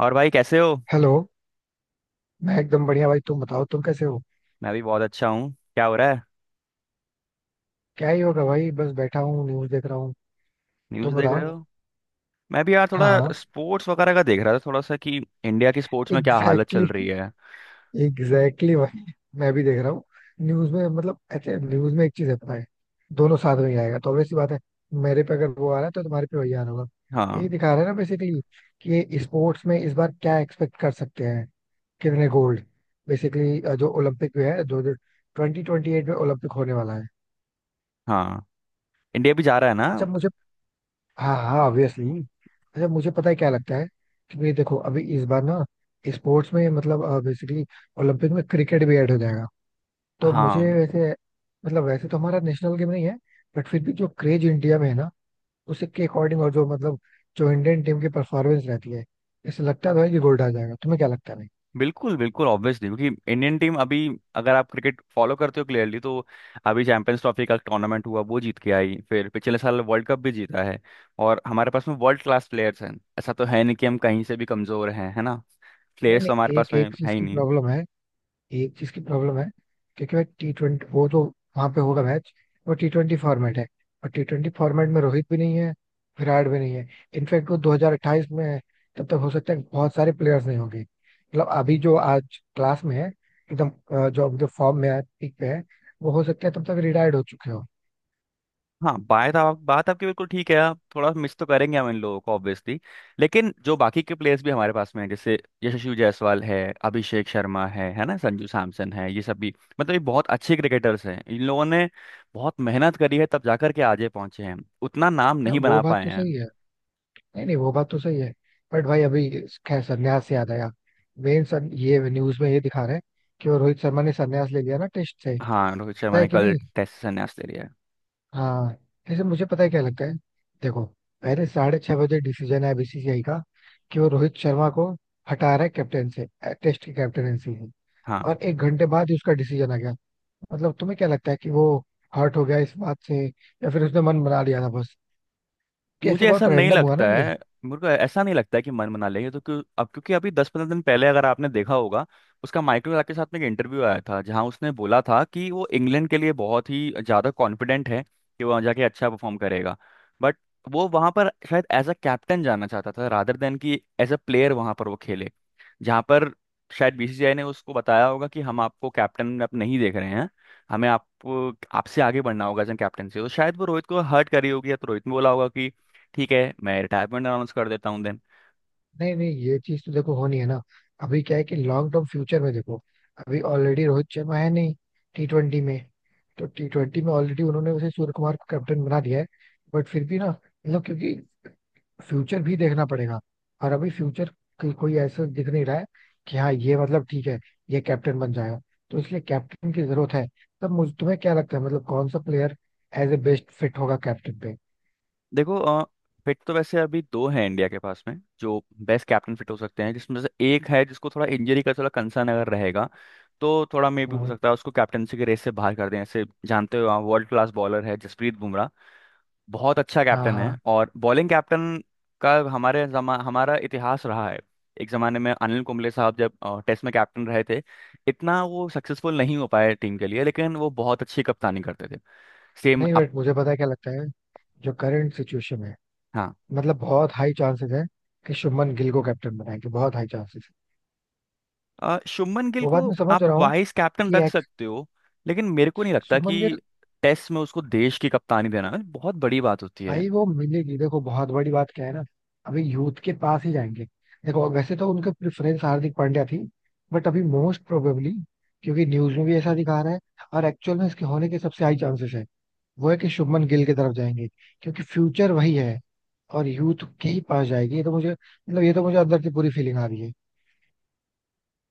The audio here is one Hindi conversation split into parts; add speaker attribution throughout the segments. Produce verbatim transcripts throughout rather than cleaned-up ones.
Speaker 1: और भाई, कैसे हो।
Speaker 2: हेलो। मैं एकदम बढ़िया भाई, तुम बताओ तुम कैसे हो।
Speaker 1: मैं भी बहुत अच्छा हूँ। क्या हो रहा है।
Speaker 2: क्या ही होगा भाई, बस बैठा हूँ न्यूज देख रहा हूँ।
Speaker 1: न्यूज़
Speaker 2: तुम
Speaker 1: देख
Speaker 2: बताओ।
Speaker 1: रहे हो। मैं भी यार थोड़ा
Speaker 2: हाँ हाँ।
Speaker 1: स्पोर्ट्स वगैरह का देख रहा था, थोड़ा सा कि इंडिया की स्पोर्ट्स में क्या हालत
Speaker 2: एग्जैक्टली
Speaker 1: चल रही है।
Speaker 2: exactly, एग्जैक्टली exactly भाई। मैं भी देख रहा हूँ। न्यूज में मतलब ऐसे न्यूज में एक चीज है पता है, दोनों साथ में ही आएगा तो ऑब्वियस सी बात है। मेरे पे अगर वो आ रहा है तो तुम्हारे पे वही आना होगा।
Speaker 1: हाँ
Speaker 2: यही दिखा रहा है ना बेसिकली कि स्पोर्ट्स में इस बार क्या एक्सपेक्ट कर सकते हैं, कितने गोल्ड। बेसिकली जो ओलंपिक में है, जो ट्वेंटी ट्वेंटी एट में ओलंपिक होने वाला है।
Speaker 1: हाँ। इंडिया भी जा रहा है ना।
Speaker 2: अच्छा मुझे, हाँ हाँ ऑब्वियसली। अच्छा मुझे पता है क्या लगता है कि भाई देखो अभी इस बार ना स्पोर्ट्स में मतलब बेसिकली ओलंपिक में क्रिकेट भी ऐड हो जाएगा। तो
Speaker 1: हाँ,
Speaker 2: मुझे वैसे मतलब वैसे तो हमारा नेशनल गेम नहीं है, बट फिर भी जो क्रेज इंडिया में है ना, उसी के अकॉर्डिंग और जो मतलब जो इंडियन टीम की परफॉर्मेंस रहती है, इससे लगता तो है कि गोल्ड आ जाएगा। तुम्हें क्या लगता है नहीं।
Speaker 1: बिल्कुल बिल्कुल, ऑब्वियसली, क्योंकि इंडियन टीम अभी, अगर आप क्रिकेट फॉलो करते हो क्लियरली, तो अभी चैंपियंस ट्रॉफी का टूर्नामेंट हुआ, वो जीत के आई, फिर पिछले साल वर्ल्ड कप भी जीता है। और हमारे पास में वर्ल्ड क्लास प्लेयर्स हैं। ऐसा तो है नहीं कि हम कहीं से भी कमज़ोर हैं, है ना।
Speaker 2: नहीं
Speaker 1: प्लेयर्स तो हमारे
Speaker 2: नहीं, एक
Speaker 1: पास में
Speaker 2: एक चीज
Speaker 1: है ही
Speaker 2: की
Speaker 1: नहीं।
Speaker 2: प्रॉब्लम है, एक चीज की प्रॉब्लम है। क्योंकि भाई टी ट्वेंटी वो तो वहां पे होगा मैच, वो टी ट्वेंटी फॉर्मेट है। और टी ट्वेंटी फॉर्मेट में रोहित भी नहीं है, विराट भी नहीं है। इनफैक्ट वो दो हज़ार अट्ठाईस में है। तब तक हो सकता है बहुत सारे प्लेयर्स नहीं होंगे, मतलब अभी जो आज क्लास में है, एकदम अ, जो जो फॉर्म में है पीक पे है, वो हो सकता है तब तक रिटायर्ड हो चुके हो।
Speaker 1: हाँ, बात आप बात आपकी बिल्कुल ठीक है। आप थोड़ा मिस तो करेंगे हम इन लोगों को, ऑब्वियसली। लेकिन जो बाकी के प्लेयर्स भी हमारे पास में हैं, जैसे यशस्वी जायसवाल है, अभिषेक शर्मा है है ना, संजू सैमसन है, ये सब भी, मतलब ये बहुत अच्छे क्रिकेटर्स हैं। इन लोगों ने बहुत मेहनत करी है तब जाकर के आज ये पहुंचे हैं। उतना नाम
Speaker 2: हाँ,
Speaker 1: नहीं
Speaker 2: वो
Speaker 1: बना
Speaker 2: बात
Speaker 1: पाए
Speaker 2: तो
Speaker 1: हैं।
Speaker 2: सही है। नहीं नहीं वो बात तो सही है। बट भाई अभी खैर संन्यास से याद आया। मेन सर ये न्यूज में ये दिखा रहे हैं कि वो रोहित शर्मा ने संन्यास ले लिया ना टेस्ट से,
Speaker 1: हाँ, रोहित
Speaker 2: पता
Speaker 1: शर्मा
Speaker 2: है
Speaker 1: ने
Speaker 2: कि
Speaker 1: कल
Speaker 2: नहीं।
Speaker 1: टेस्ट से संन्यास ले लिया है।
Speaker 2: हाँ। जैसे मुझे पता है क्या लगता है, देखो पहले साढ़े छह बजे डिसीजन है बीसीसीआई का कि वो रोहित शर्मा को हटा रहा है कैप्टन से, टेस्ट की कैप्टनसी से।
Speaker 1: हाँ।
Speaker 2: और एक घंटे बाद ही उसका डिसीजन आ गया। मतलब तुम्हें क्या लगता है कि वो हर्ट हो गया इस बात से या फिर उसने मन बना लिया था बस। कैसे
Speaker 1: मुझे ऐसा
Speaker 2: बहुत
Speaker 1: नहीं
Speaker 2: रैंडम हुआ
Speaker 1: लगता
Speaker 2: ना।
Speaker 1: है। मेरे को ऐसा नहीं लगता है कि मन बना लेंगे तो क्यों अब, क्योंकि अभी दस पंद्रह दिन पहले, अगर आपने देखा होगा, उसका माइकल क्लार्क के साथ में एक इंटरव्यू आया था, जहां उसने बोला था कि वो इंग्लैंड के लिए बहुत ही ज़्यादा कॉन्फिडेंट है कि वो वहाँ जाके अच्छा परफॉर्म करेगा। बट वो वहाँ पर शायद एज अ कैप्टन जाना चाहता था, रादर देन कि एज अ प्लेयर वहाँ पर वो खेले। जहाँ पर शायद बीसीसीआई ने उसको बताया होगा कि हम आपको कैप्टन में आप नहीं देख रहे हैं, हमें आप आपसे आगे बढ़ना होगा एज कैप्टन से, तो शायद वो रोहित को हर्ट करी होगी, या तो रोहित ने बोला होगा, ठीक है मैं रिटायरमेंट अनाउंस कर देता हूँ देन।
Speaker 2: नहीं नहीं ये चीज तो देखो होनी है ना। अभी क्या है कि लॉन्ग टर्म फ्यूचर में देखो, अभी ऑलरेडी रोहित शर्मा है नहीं टी ट्वेंटी में। तो टी ट्वेंटी में ऑलरेडी उन्होंने उसे सूर्य कुमार को कैप्टन बना दिया है। बट फिर भी ना मतलब क्योंकि फ्यूचर भी देखना पड़ेगा। और अभी फ्यूचर कोई ऐसा दिख नहीं रहा है कि हाँ ये मतलब ठीक है ये कैप्टन बन जाएगा, तो इसलिए कैप्टन की जरूरत है। तब मुझे तुम्हें क्या लगता है, मतलब कौन सा player as a best fit होगा कैप्टन पे।
Speaker 1: देखो अ, फिट तो वैसे अभी दो हैं इंडिया के पास में, जो बेस्ट कैप्टन फिट हो सकते हैं। जिसमें से एक है जिसको थोड़ा इंजरी का थोड़ा कंसर्न अगर रहेगा, तो थोड़ा मे भी हो
Speaker 2: हाँ
Speaker 1: सकता है उसको कैप्टनसी के रेस से बाहर कर दें, ऐसे जानते हो, वर्ल्ड क्लास बॉलर है, जसप्रीत बुमराह। बहुत अच्छा
Speaker 2: हाँ
Speaker 1: कैप्टन है।
Speaker 2: हाँ।
Speaker 1: और बॉलिंग कैप्टन का हमारे जमा हमारा इतिहास रहा है। एक जमाने में अनिल कुंबले साहब जब टेस्ट में कैप्टन रहे थे, इतना वो सक्सेसफुल नहीं हो पाए टीम के लिए, लेकिन वो बहुत अच्छी कप्तानी करते थे। सेम
Speaker 2: नहीं
Speaker 1: अब।
Speaker 2: बट मुझे पता है क्या लगता है, जो करंट सिचुएशन है,
Speaker 1: हाँ,
Speaker 2: मतलब बहुत हाई चांसेस है कि शुभमन गिल को कैप्टन बनाएंगे, बहुत हाई चांसेस है।
Speaker 1: अ, शुभमन गिल
Speaker 2: वो
Speaker 1: को
Speaker 2: बात मैं समझ
Speaker 1: आप
Speaker 2: रहा हूँ
Speaker 1: वाइस कैप्टन
Speaker 2: कि
Speaker 1: रख
Speaker 2: एक्स
Speaker 1: सकते हो। लेकिन मेरे को नहीं लगता
Speaker 2: शुभमन गिल,
Speaker 1: कि टेस्ट में उसको देश की कप्तानी देना बहुत बड़ी बात होती है।
Speaker 2: भाई वो मिलेगी, देखो बहुत बड़ी बात क्या है ना। अभी यूथ के पास ही जाएंगे। देखो वैसे तो उनका प्रेफरेंस हार्दिक पांड्या थी, बट अभी मोस्ट प्रोबेबली, क्योंकि न्यूज में भी ऐसा दिखा रहा है और एक्चुअल में इसके होने के सबसे हाई चांसेस है, वो है कि शुभमन गिल की तरफ जाएंगे। क्योंकि फ्यूचर वही है और यूथ के ही पास जाएगी। ये तो मुझे मतलब ये तो मुझे अंदर से पूरी फीलिंग आ रही है।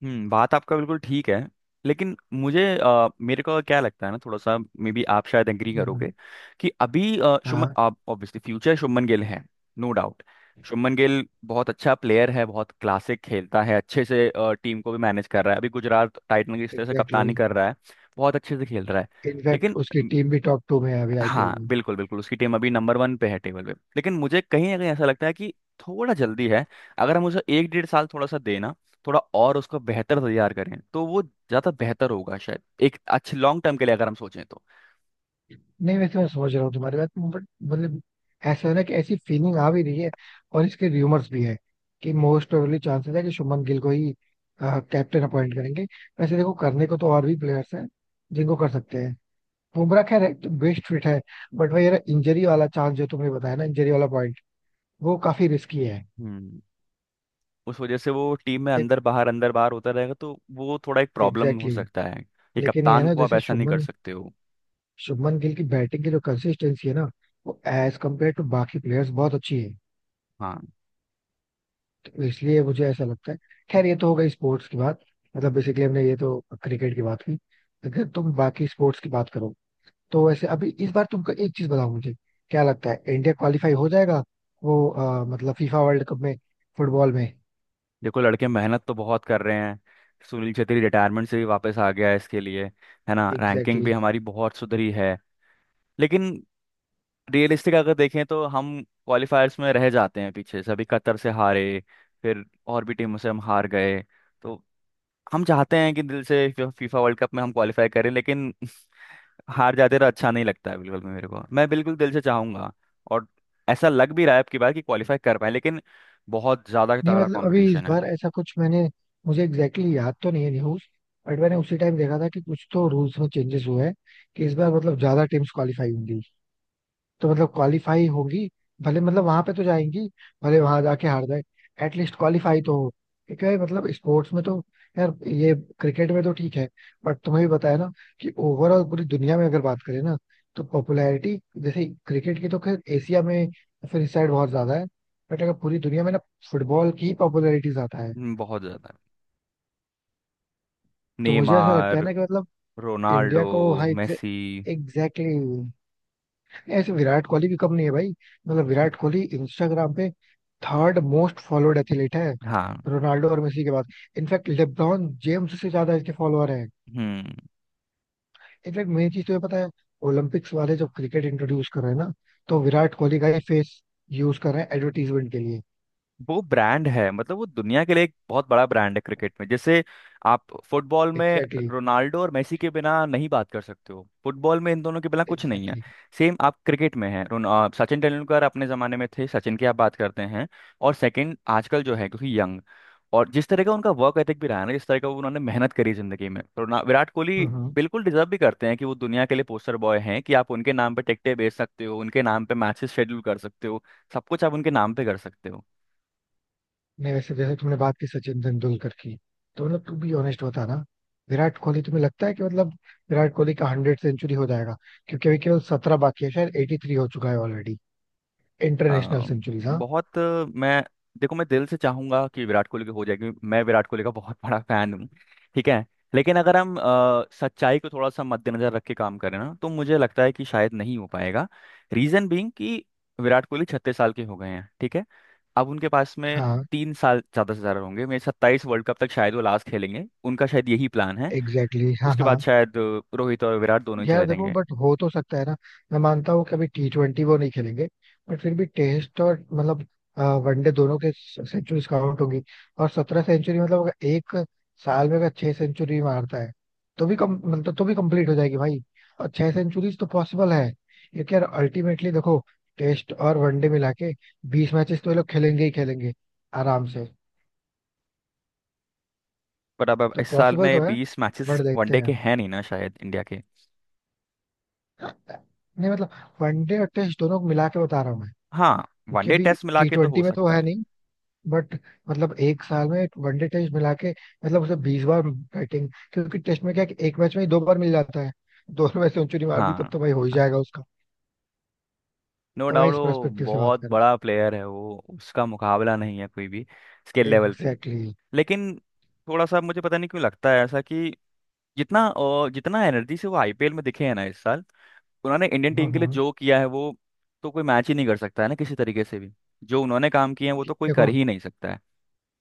Speaker 1: हम्म। बात आपका बिल्कुल ठीक है। लेकिन मुझे अ, मेरे को क्या लगता है ना, थोड़ा सा मे बी आप शायद एग्री
Speaker 2: हम्म,
Speaker 1: करोगे कि अभी अ, शुभमन
Speaker 2: हाँ
Speaker 1: आप ऑब्वियसली फ्यूचर शुभमन गिल है, नो डाउट। शुभमन गिल बहुत अच्छा प्लेयर है, बहुत क्लासिक खेलता है, अच्छे से टीम को भी मैनेज कर रहा है, अभी गुजरात टाइटन की इस तरह से
Speaker 2: एग्जैक्टली।
Speaker 1: कप्तानी कर रहा है, बहुत अच्छे से खेल रहा है।
Speaker 2: इनफैक्ट
Speaker 1: लेकिन
Speaker 2: उसकी टीम भी टॉप टू में है अभी आईपीएल
Speaker 1: हाँ,
Speaker 2: में।
Speaker 1: बिल्कुल बिल्कुल, उसकी टीम अभी नंबर वन पे है टेबल पे। लेकिन मुझे कहीं ना कहीं ऐसा लगता है कि थोड़ा जल्दी है। अगर हम उसे एक डेढ़ साल थोड़ा सा देना, थोड़ा और उसको बेहतर तैयार करें, तो वो ज़्यादा बेहतर होगा, शायद एक अच्छे लॉन्ग टर्म के लिए अगर हम सोचें तो।
Speaker 2: नहीं वैसे मैं समझ रहा हूँ तुम्हारी बात, बट मतलब ऐसा है ना कि ऐसी फीलिंग आ भी रही है और इसके र्यूमर्स भी है कि मोस्ट प्रोबेबली चांसेस है कि शुभमन गिल को ही कैप्टन अपॉइंट करेंगे। वैसे देखो करने को तो और भी प्लेयर्स हैं जिनको कर सकते हैं। बुमराह खैर बेस्ट फिट है, बट भाई यार इंजरी वाला चांस जो तुमने बताया ना, इंजरी वाला पॉइंट वो काफी रिस्की है।
Speaker 1: हम्म उस वजह से वो टीम में
Speaker 2: देख
Speaker 1: अंदर बाहर अंदर बाहर होता रहेगा, तो वो थोड़ा एक प्रॉब्लम हो
Speaker 2: एग्जैक्टली
Speaker 1: सकता
Speaker 2: exactly.
Speaker 1: है, ये
Speaker 2: लेकिन ये है
Speaker 1: कप्तान
Speaker 2: ना,
Speaker 1: को आप
Speaker 2: जैसे
Speaker 1: ऐसा नहीं कर
Speaker 2: शुभमन
Speaker 1: सकते हो।
Speaker 2: शुभमन गिल की बैटिंग की जो कंसिस्टेंसी है ना, वो एज कम्पेयर टू बाकी प्लेयर्स बहुत अच्छी है।
Speaker 1: हाँ।
Speaker 2: तो इसलिए मुझे ऐसा लगता है। खैर ये तो हो गई स्पोर्ट्स की बात। मतलब बेसिकली हमने ये तो क्रिकेट की बात की, अगर तुम बाकी स्पोर्ट्स की बात करो, तो वैसे अभी इस बार तुमको एक चीज बताओ, मुझे क्या लगता है इंडिया क्वालिफाई हो जाएगा वो अ, मतलब फीफा वर्ल्ड कप में, फुटबॉल में।
Speaker 1: देखो लड़के मेहनत तो बहुत कर रहे हैं। सुनील छेत्री रिटायरमेंट से भी वापस आ गया है इसके लिए, है ना। रैंकिंग भी
Speaker 2: एग्जैक्टली।
Speaker 1: हमारी बहुत सुधरी है। लेकिन रियलिस्टिक अगर देखें तो हम क्वालिफायर्स में रह जाते हैं पीछे से, अभी कतर से हारे, फिर और भी टीमों से हम हार गए। तो हम चाहते हैं कि दिल से फीफा वर्ल्ड कप में हम क्वालिफाई करें, लेकिन हार जाते तो अच्छा नहीं लगता है बिल्कुल भी मेरे को, मैं बिल्कुल दिल से चाहूंगा। और ऐसा लग भी रहा है अब की बार कि क्वालिफाई कर पाए, लेकिन बहुत ज़्यादा
Speaker 2: नहीं
Speaker 1: तगड़ा
Speaker 2: मतलब अभी इस
Speaker 1: कंपटीशन है।
Speaker 2: बार ऐसा कुछ मैंने, मुझे एग्जैक्टली exactly याद तो नहीं है न्यूज, बट मैंने उसी टाइम देखा था कि कुछ तो रूल्स में चेंजेस हुए हैं कि इस बार मतलब ज्यादा टीम्स क्वालिफाई होंगी। तो मतलब क्वालिफाई होगी, भले मतलब वहां पे तो जाएंगी, भले वहां जाके हार जाए, एटलीस्ट क्वालिफाई तो हो। क्योंकि भाई मतलब स्पोर्ट्स में तो यार ये, क्रिकेट में तो ठीक है, बट तुम्हें भी बताया ना कि ओवरऑल पूरी दुनिया में अगर बात करें ना तो पॉपुलैरिटी, जैसे क्रिकेट की तो खैर एशिया में या फिर इस साइड बहुत ज्यादा है, बट अगर पूरी दुनिया में ना फुटबॉल की पॉपुलैरिटी ज्यादा है।
Speaker 1: हम्म, बहुत ज़्यादा।
Speaker 2: तो मुझे ऐसा लगता है
Speaker 1: नेमार,
Speaker 2: ना कि मतलब इंडिया
Speaker 1: रोनाल्डो,
Speaker 2: को, हाँ
Speaker 1: मेसी।
Speaker 2: एग्जैक्टली। ऐसे विराट कोहली भी कम नहीं है भाई। मतलब विराट कोहली इंस्टाग्राम पे थर्ड मोस्ट फॉलोड एथलीट है
Speaker 1: हाँ।
Speaker 2: रोनाल्डो और मेसी के बाद। इनफैक्ट लेब्रॉन जेम्स से ज्यादा इसके फॉलोअर हैं।
Speaker 1: हम्म।
Speaker 2: इनफैक्ट मेन चीज तुम्हें पता है, ओलंपिक्स वाले जब क्रिकेट इंट्रोड्यूस कर रहे हैं ना, तो विराट कोहली का ही फेस यूज कर रहे हैं एडवर्टीजमेंट के लिए।
Speaker 1: वो ब्रांड है, मतलब वो दुनिया के लिए एक बहुत बड़ा ब्रांड है क्रिकेट में। जैसे आप फुटबॉल में
Speaker 2: एग्जैक्टली
Speaker 1: रोनाल्डो और मेसी के बिना नहीं बात कर सकते हो, फुटबॉल में इन दोनों के बिना कुछ नहीं है।
Speaker 2: एग्जैक्टली।
Speaker 1: सेम आप क्रिकेट में है, रोन- आ, सचिन तेंदुलकर अपने ज़माने में थे, सचिन की आप बात करते हैं। और सेकंड आजकल जो है, क्योंकि यंग, और जिस तरह का उनका वर्क एथिक भी रहा है ना, जिस तरह का उन्होंने मेहनत करी जिंदगी में, रोना विराट कोहली बिल्कुल डिजर्व भी करते हैं कि वो दुनिया के लिए पोस्टर बॉय हैं, कि आप उनके नाम पे टिकटें बेच सकते हो, उनके नाम पे मैचेस शेड्यूल कर सकते हो, सब कुछ आप उनके नाम पे कर सकते हो।
Speaker 2: नहीं वैसे जैसे तुमने बात की सचिन तेंदुलकर की, तो मतलब तू भी ऑनेस्ट होता ना, विराट कोहली तुम्हें लगता है कि मतलब विराट कोहली का हंड्रेड सेंचुरी हो जाएगा, क्योंकि अभी केवल सत्रह बाकी है, शायद एटी थ्री हो चुका है ऑलरेडी। इंटरनेशनल
Speaker 1: अ,
Speaker 2: सेंचुरीज हाँ।
Speaker 1: बहुत अ, मैं देखो मैं दिल से चाहूंगा कि विराट कोहली के हो जाए, क्योंकि मैं विराट कोहली का बहुत बड़ा फैन हूँ, ठीक है। लेकिन अगर हम अ, सच्चाई को थोड़ा सा मद्देनजर रख के काम करें ना, तो मुझे लगता है कि शायद नहीं हो पाएगा। रीजन बीइंग कि विराट कोहली छत्तीस साल के हो गए हैं, ठीक है। अब उनके पास में
Speaker 2: हाँ
Speaker 1: तीन साल ज्यादा से ज्यादा होंगे मेरे, सत्ताईस वर्ल्ड कप तक शायद वो लास्ट खेलेंगे, उनका शायद यही प्लान है।
Speaker 2: एग्जैक्टली exactly, हाँ
Speaker 1: उसके बाद
Speaker 2: हाँ।
Speaker 1: शायद अ, रोहित और विराट दोनों ही
Speaker 2: यार
Speaker 1: चले
Speaker 2: देखो
Speaker 1: जाएंगे।
Speaker 2: बट हो तो सकता है ना। मैं मानता हूँ कि अभी टी ट्वेंटी वो नहीं खेलेंगे, बट फिर भी टेस्ट और मतलब वनडे दोनों के सेंचुरी काउंट होगी। और सत्रह सेंचुरी मतलब अगर एक साल में अगर छह सेंचुरी मारता है तो भी कम, मतलब तो भी कंप्लीट हो जाएगी भाई। और छह सेंचुरीज तो पॉसिबल है क्योंकि यार अल्टीमेटली देखो टेस्ट और वनडे मिला के बीस मैचेस तो ये लोग खेलेंगे ही खेलेंगे, आराम से।
Speaker 1: पर अब अब
Speaker 2: तो
Speaker 1: इस साल
Speaker 2: पॉसिबल तो
Speaker 1: में
Speaker 2: है,
Speaker 1: बीस मैचेस
Speaker 2: बट देखते
Speaker 1: वनडे के
Speaker 2: हैं।
Speaker 1: हैं नहीं ना शायद, इंडिया के।
Speaker 2: नहीं मतलब वनडे और टेस्ट दोनों को मिला के बता रहा हूँ मैं।
Speaker 1: हाँ,
Speaker 2: क्योंकि
Speaker 1: वनडे
Speaker 2: अभी
Speaker 1: टेस्ट मिला
Speaker 2: टी
Speaker 1: के तो हो
Speaker 2: ट्वेंटी में तो
Speaker 1: सकता
Speaker 2: है
Speaker 1: है।
Speaker 2: नहीं, बट मतलब एक साल में वनडे टेस्ट मिला के मतलब उसे बीस बार बैटिंग, क्योंकि टेस्ट में क्या है कि एक मैच में ही दो बार मिल जाता है। दोनों में सेंचुरी मार दी तब
Speaker 1: हाँ
Speaker 2: तो भाई हो ही
Speaker 1: हाँ,
Speaker 2: जाएगा उसका।
Speaker 1: नो
Speaker 2: तो मैं
Speaker 1: डाउट
Speaker 2: इस
Speaker 1: वो
Speaker 2: परस्पेक्टिव से बात
Speaker 1: बहुत
Speaker 2: कर रहा
Speaker 1: बड़ा प्लेयर है, वो उसका मुकाबला नहीं है कोई भी स्किल
Speaker 2: था,
Speaker 1: लेवल पे।
Speaker 2: एग्जैक्टली।
Speaker 1: लेकिन थोड़ा सा मुझे पता नहीं क्यों लगता है ऐसा कि जितना अ, जितना एनर्जी से वो आईपीएल में दिखे हैं ना इस साल, उन्होंने इंडियन
Speaker 2: हाँ
Speaker 1: टीम के लिए
Speaker 2: हाँ।
Speaker 1: जो किया है, वो तो कोई मैच ही नहीं कर सकता है ना किसी तरीके से भी, जो उन्होंने काम किए हैं वो तो कोई कर
Speaker 2: देखो,
Speaker 1: ही नहीं सकता है।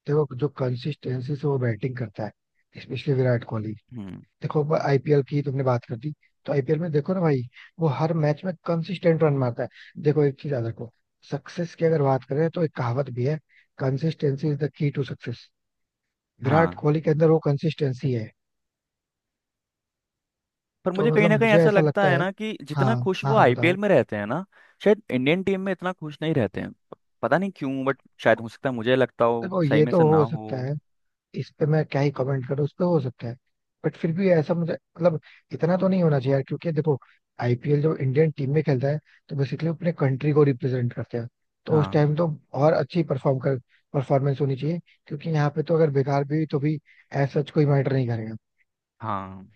Speaker 2: देखो जो कंसिस्टेंसी से वो बैटिंग करता है स्पेशली विराट कोहली।
Speaker 1: हम्म।
Speaker 2: देखो आईपीएल की तुमने बात कर दी, तो आईपीएल में देखो ना भाई, वो हर मैच में कंसिस्टेंट रन मारता है। देखो एक चीज याद रखो, सक्सेस की अगर बात करें तो एक कहावत भी है, consistency is the key to success. Virat
Speaker 1: हाँ,
Speaker 2: कोहली के अंदर वो कंसिस्टेंसी है,
Speaker 1: पर
Speaker 2: तो
Speaker 1: मुझे कहीं
Speaker 2: मतलब
Speaker 1: ना कहीं
Speaker 2: मुझे
Speaker 1: ऐसा
Speaker 2: ऐसा
Speaker 1: लगता
Speaker 2: लगता
Speaker 1: है
Speaker 2: है।
Speaker 1: ना कि
Speaker 2: हाँ
Speaker 1: जितना खुश
Speaker 2: हाँ
Speaker 1: वो
Speaker 2: हाँ
Speaker 1: आईपीएल
Speaker 2: बताओ।
Speaker 1: में रहते हैं ना, शायद इंडियन टीम में इतना खुश नहीं रहते हैं, प- पता नहीं क्यों, बट शायद हो सकता है मुझे लगता हो,
Speaker 2: देखो
Speaker 1: सही
Speaker 2: ये
Speaker 1: में
Speaker 2: तो
Speaker 1: से ना
Speaker 2: हो सकता
Speaker 1: हो।
Speaker 2: है, इस पे मैं क्या ही कमेंट करूँ, उस पे हो सकता है। बट फिर भी ऐसा मुझे मतलब इतना तो नहीं होना चाहिए यार, क्योंकि देखो आईपीएल जब इंडियन टीम में खेलता है तो बेसिकली अपने कंट्री को रिप्रेजेंट करते हैं। तो उस
Speaker 1: हाँ
Speaker 2: टाइम तो और अच्छी परफॉर्म कर परफॉर्मेंस होनी चाहिए। क्योंकि यहाँ पे तो अगर बेकार भी हुई तो भी एज सच कोई मैटर नहीं करेगा।
Speaker 1: हाँ,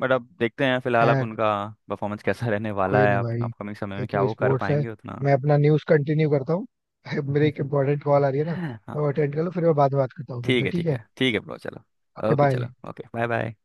Speaker 1: बट अब देखते हैं, फिलहाल अब
Speaker 2: खैर
Speaker 1: उनका परफॉर्मेंस कैसा रहने वाला
Speaker 2: कोई
Speaker 1: है,
Speaker 2: नहीं
Speaker 1: आप
Speaker 2: भाई,
Speaker 1: अपकमिंग समय
Speaker 2: ये
Speaker 1: में क्या
Speaker 2: तो
Speaker 1: वो कर
Speaker 2: स्पोर्ट्स है,
Speaker 1: पाएंगे उतना।
Speaker 2: मैं अपना न्यूज कंटिन्यू करता हूँ। मेरे एक इंपॉर्टेंट कॉल आ रही है ना,
Speaker 1: हाँ।
Speaker 2: मैं अटेंड कर लूँ फिर मैं बाद में बात करता हूँ
Speaker 1: ठीक
Speaker 2: तुमसे,
Speaker 1: है
Speaker 2: ठीक
Speaker 1: ठीक
Speaker 2: है।
Speaker 1: है ठीक है ब्रो, चलो।
Speaker 2: Okay
Speaker 1: okay
Speaker 2: bye.
Speaker 1: चलो, ओके। Bye bye.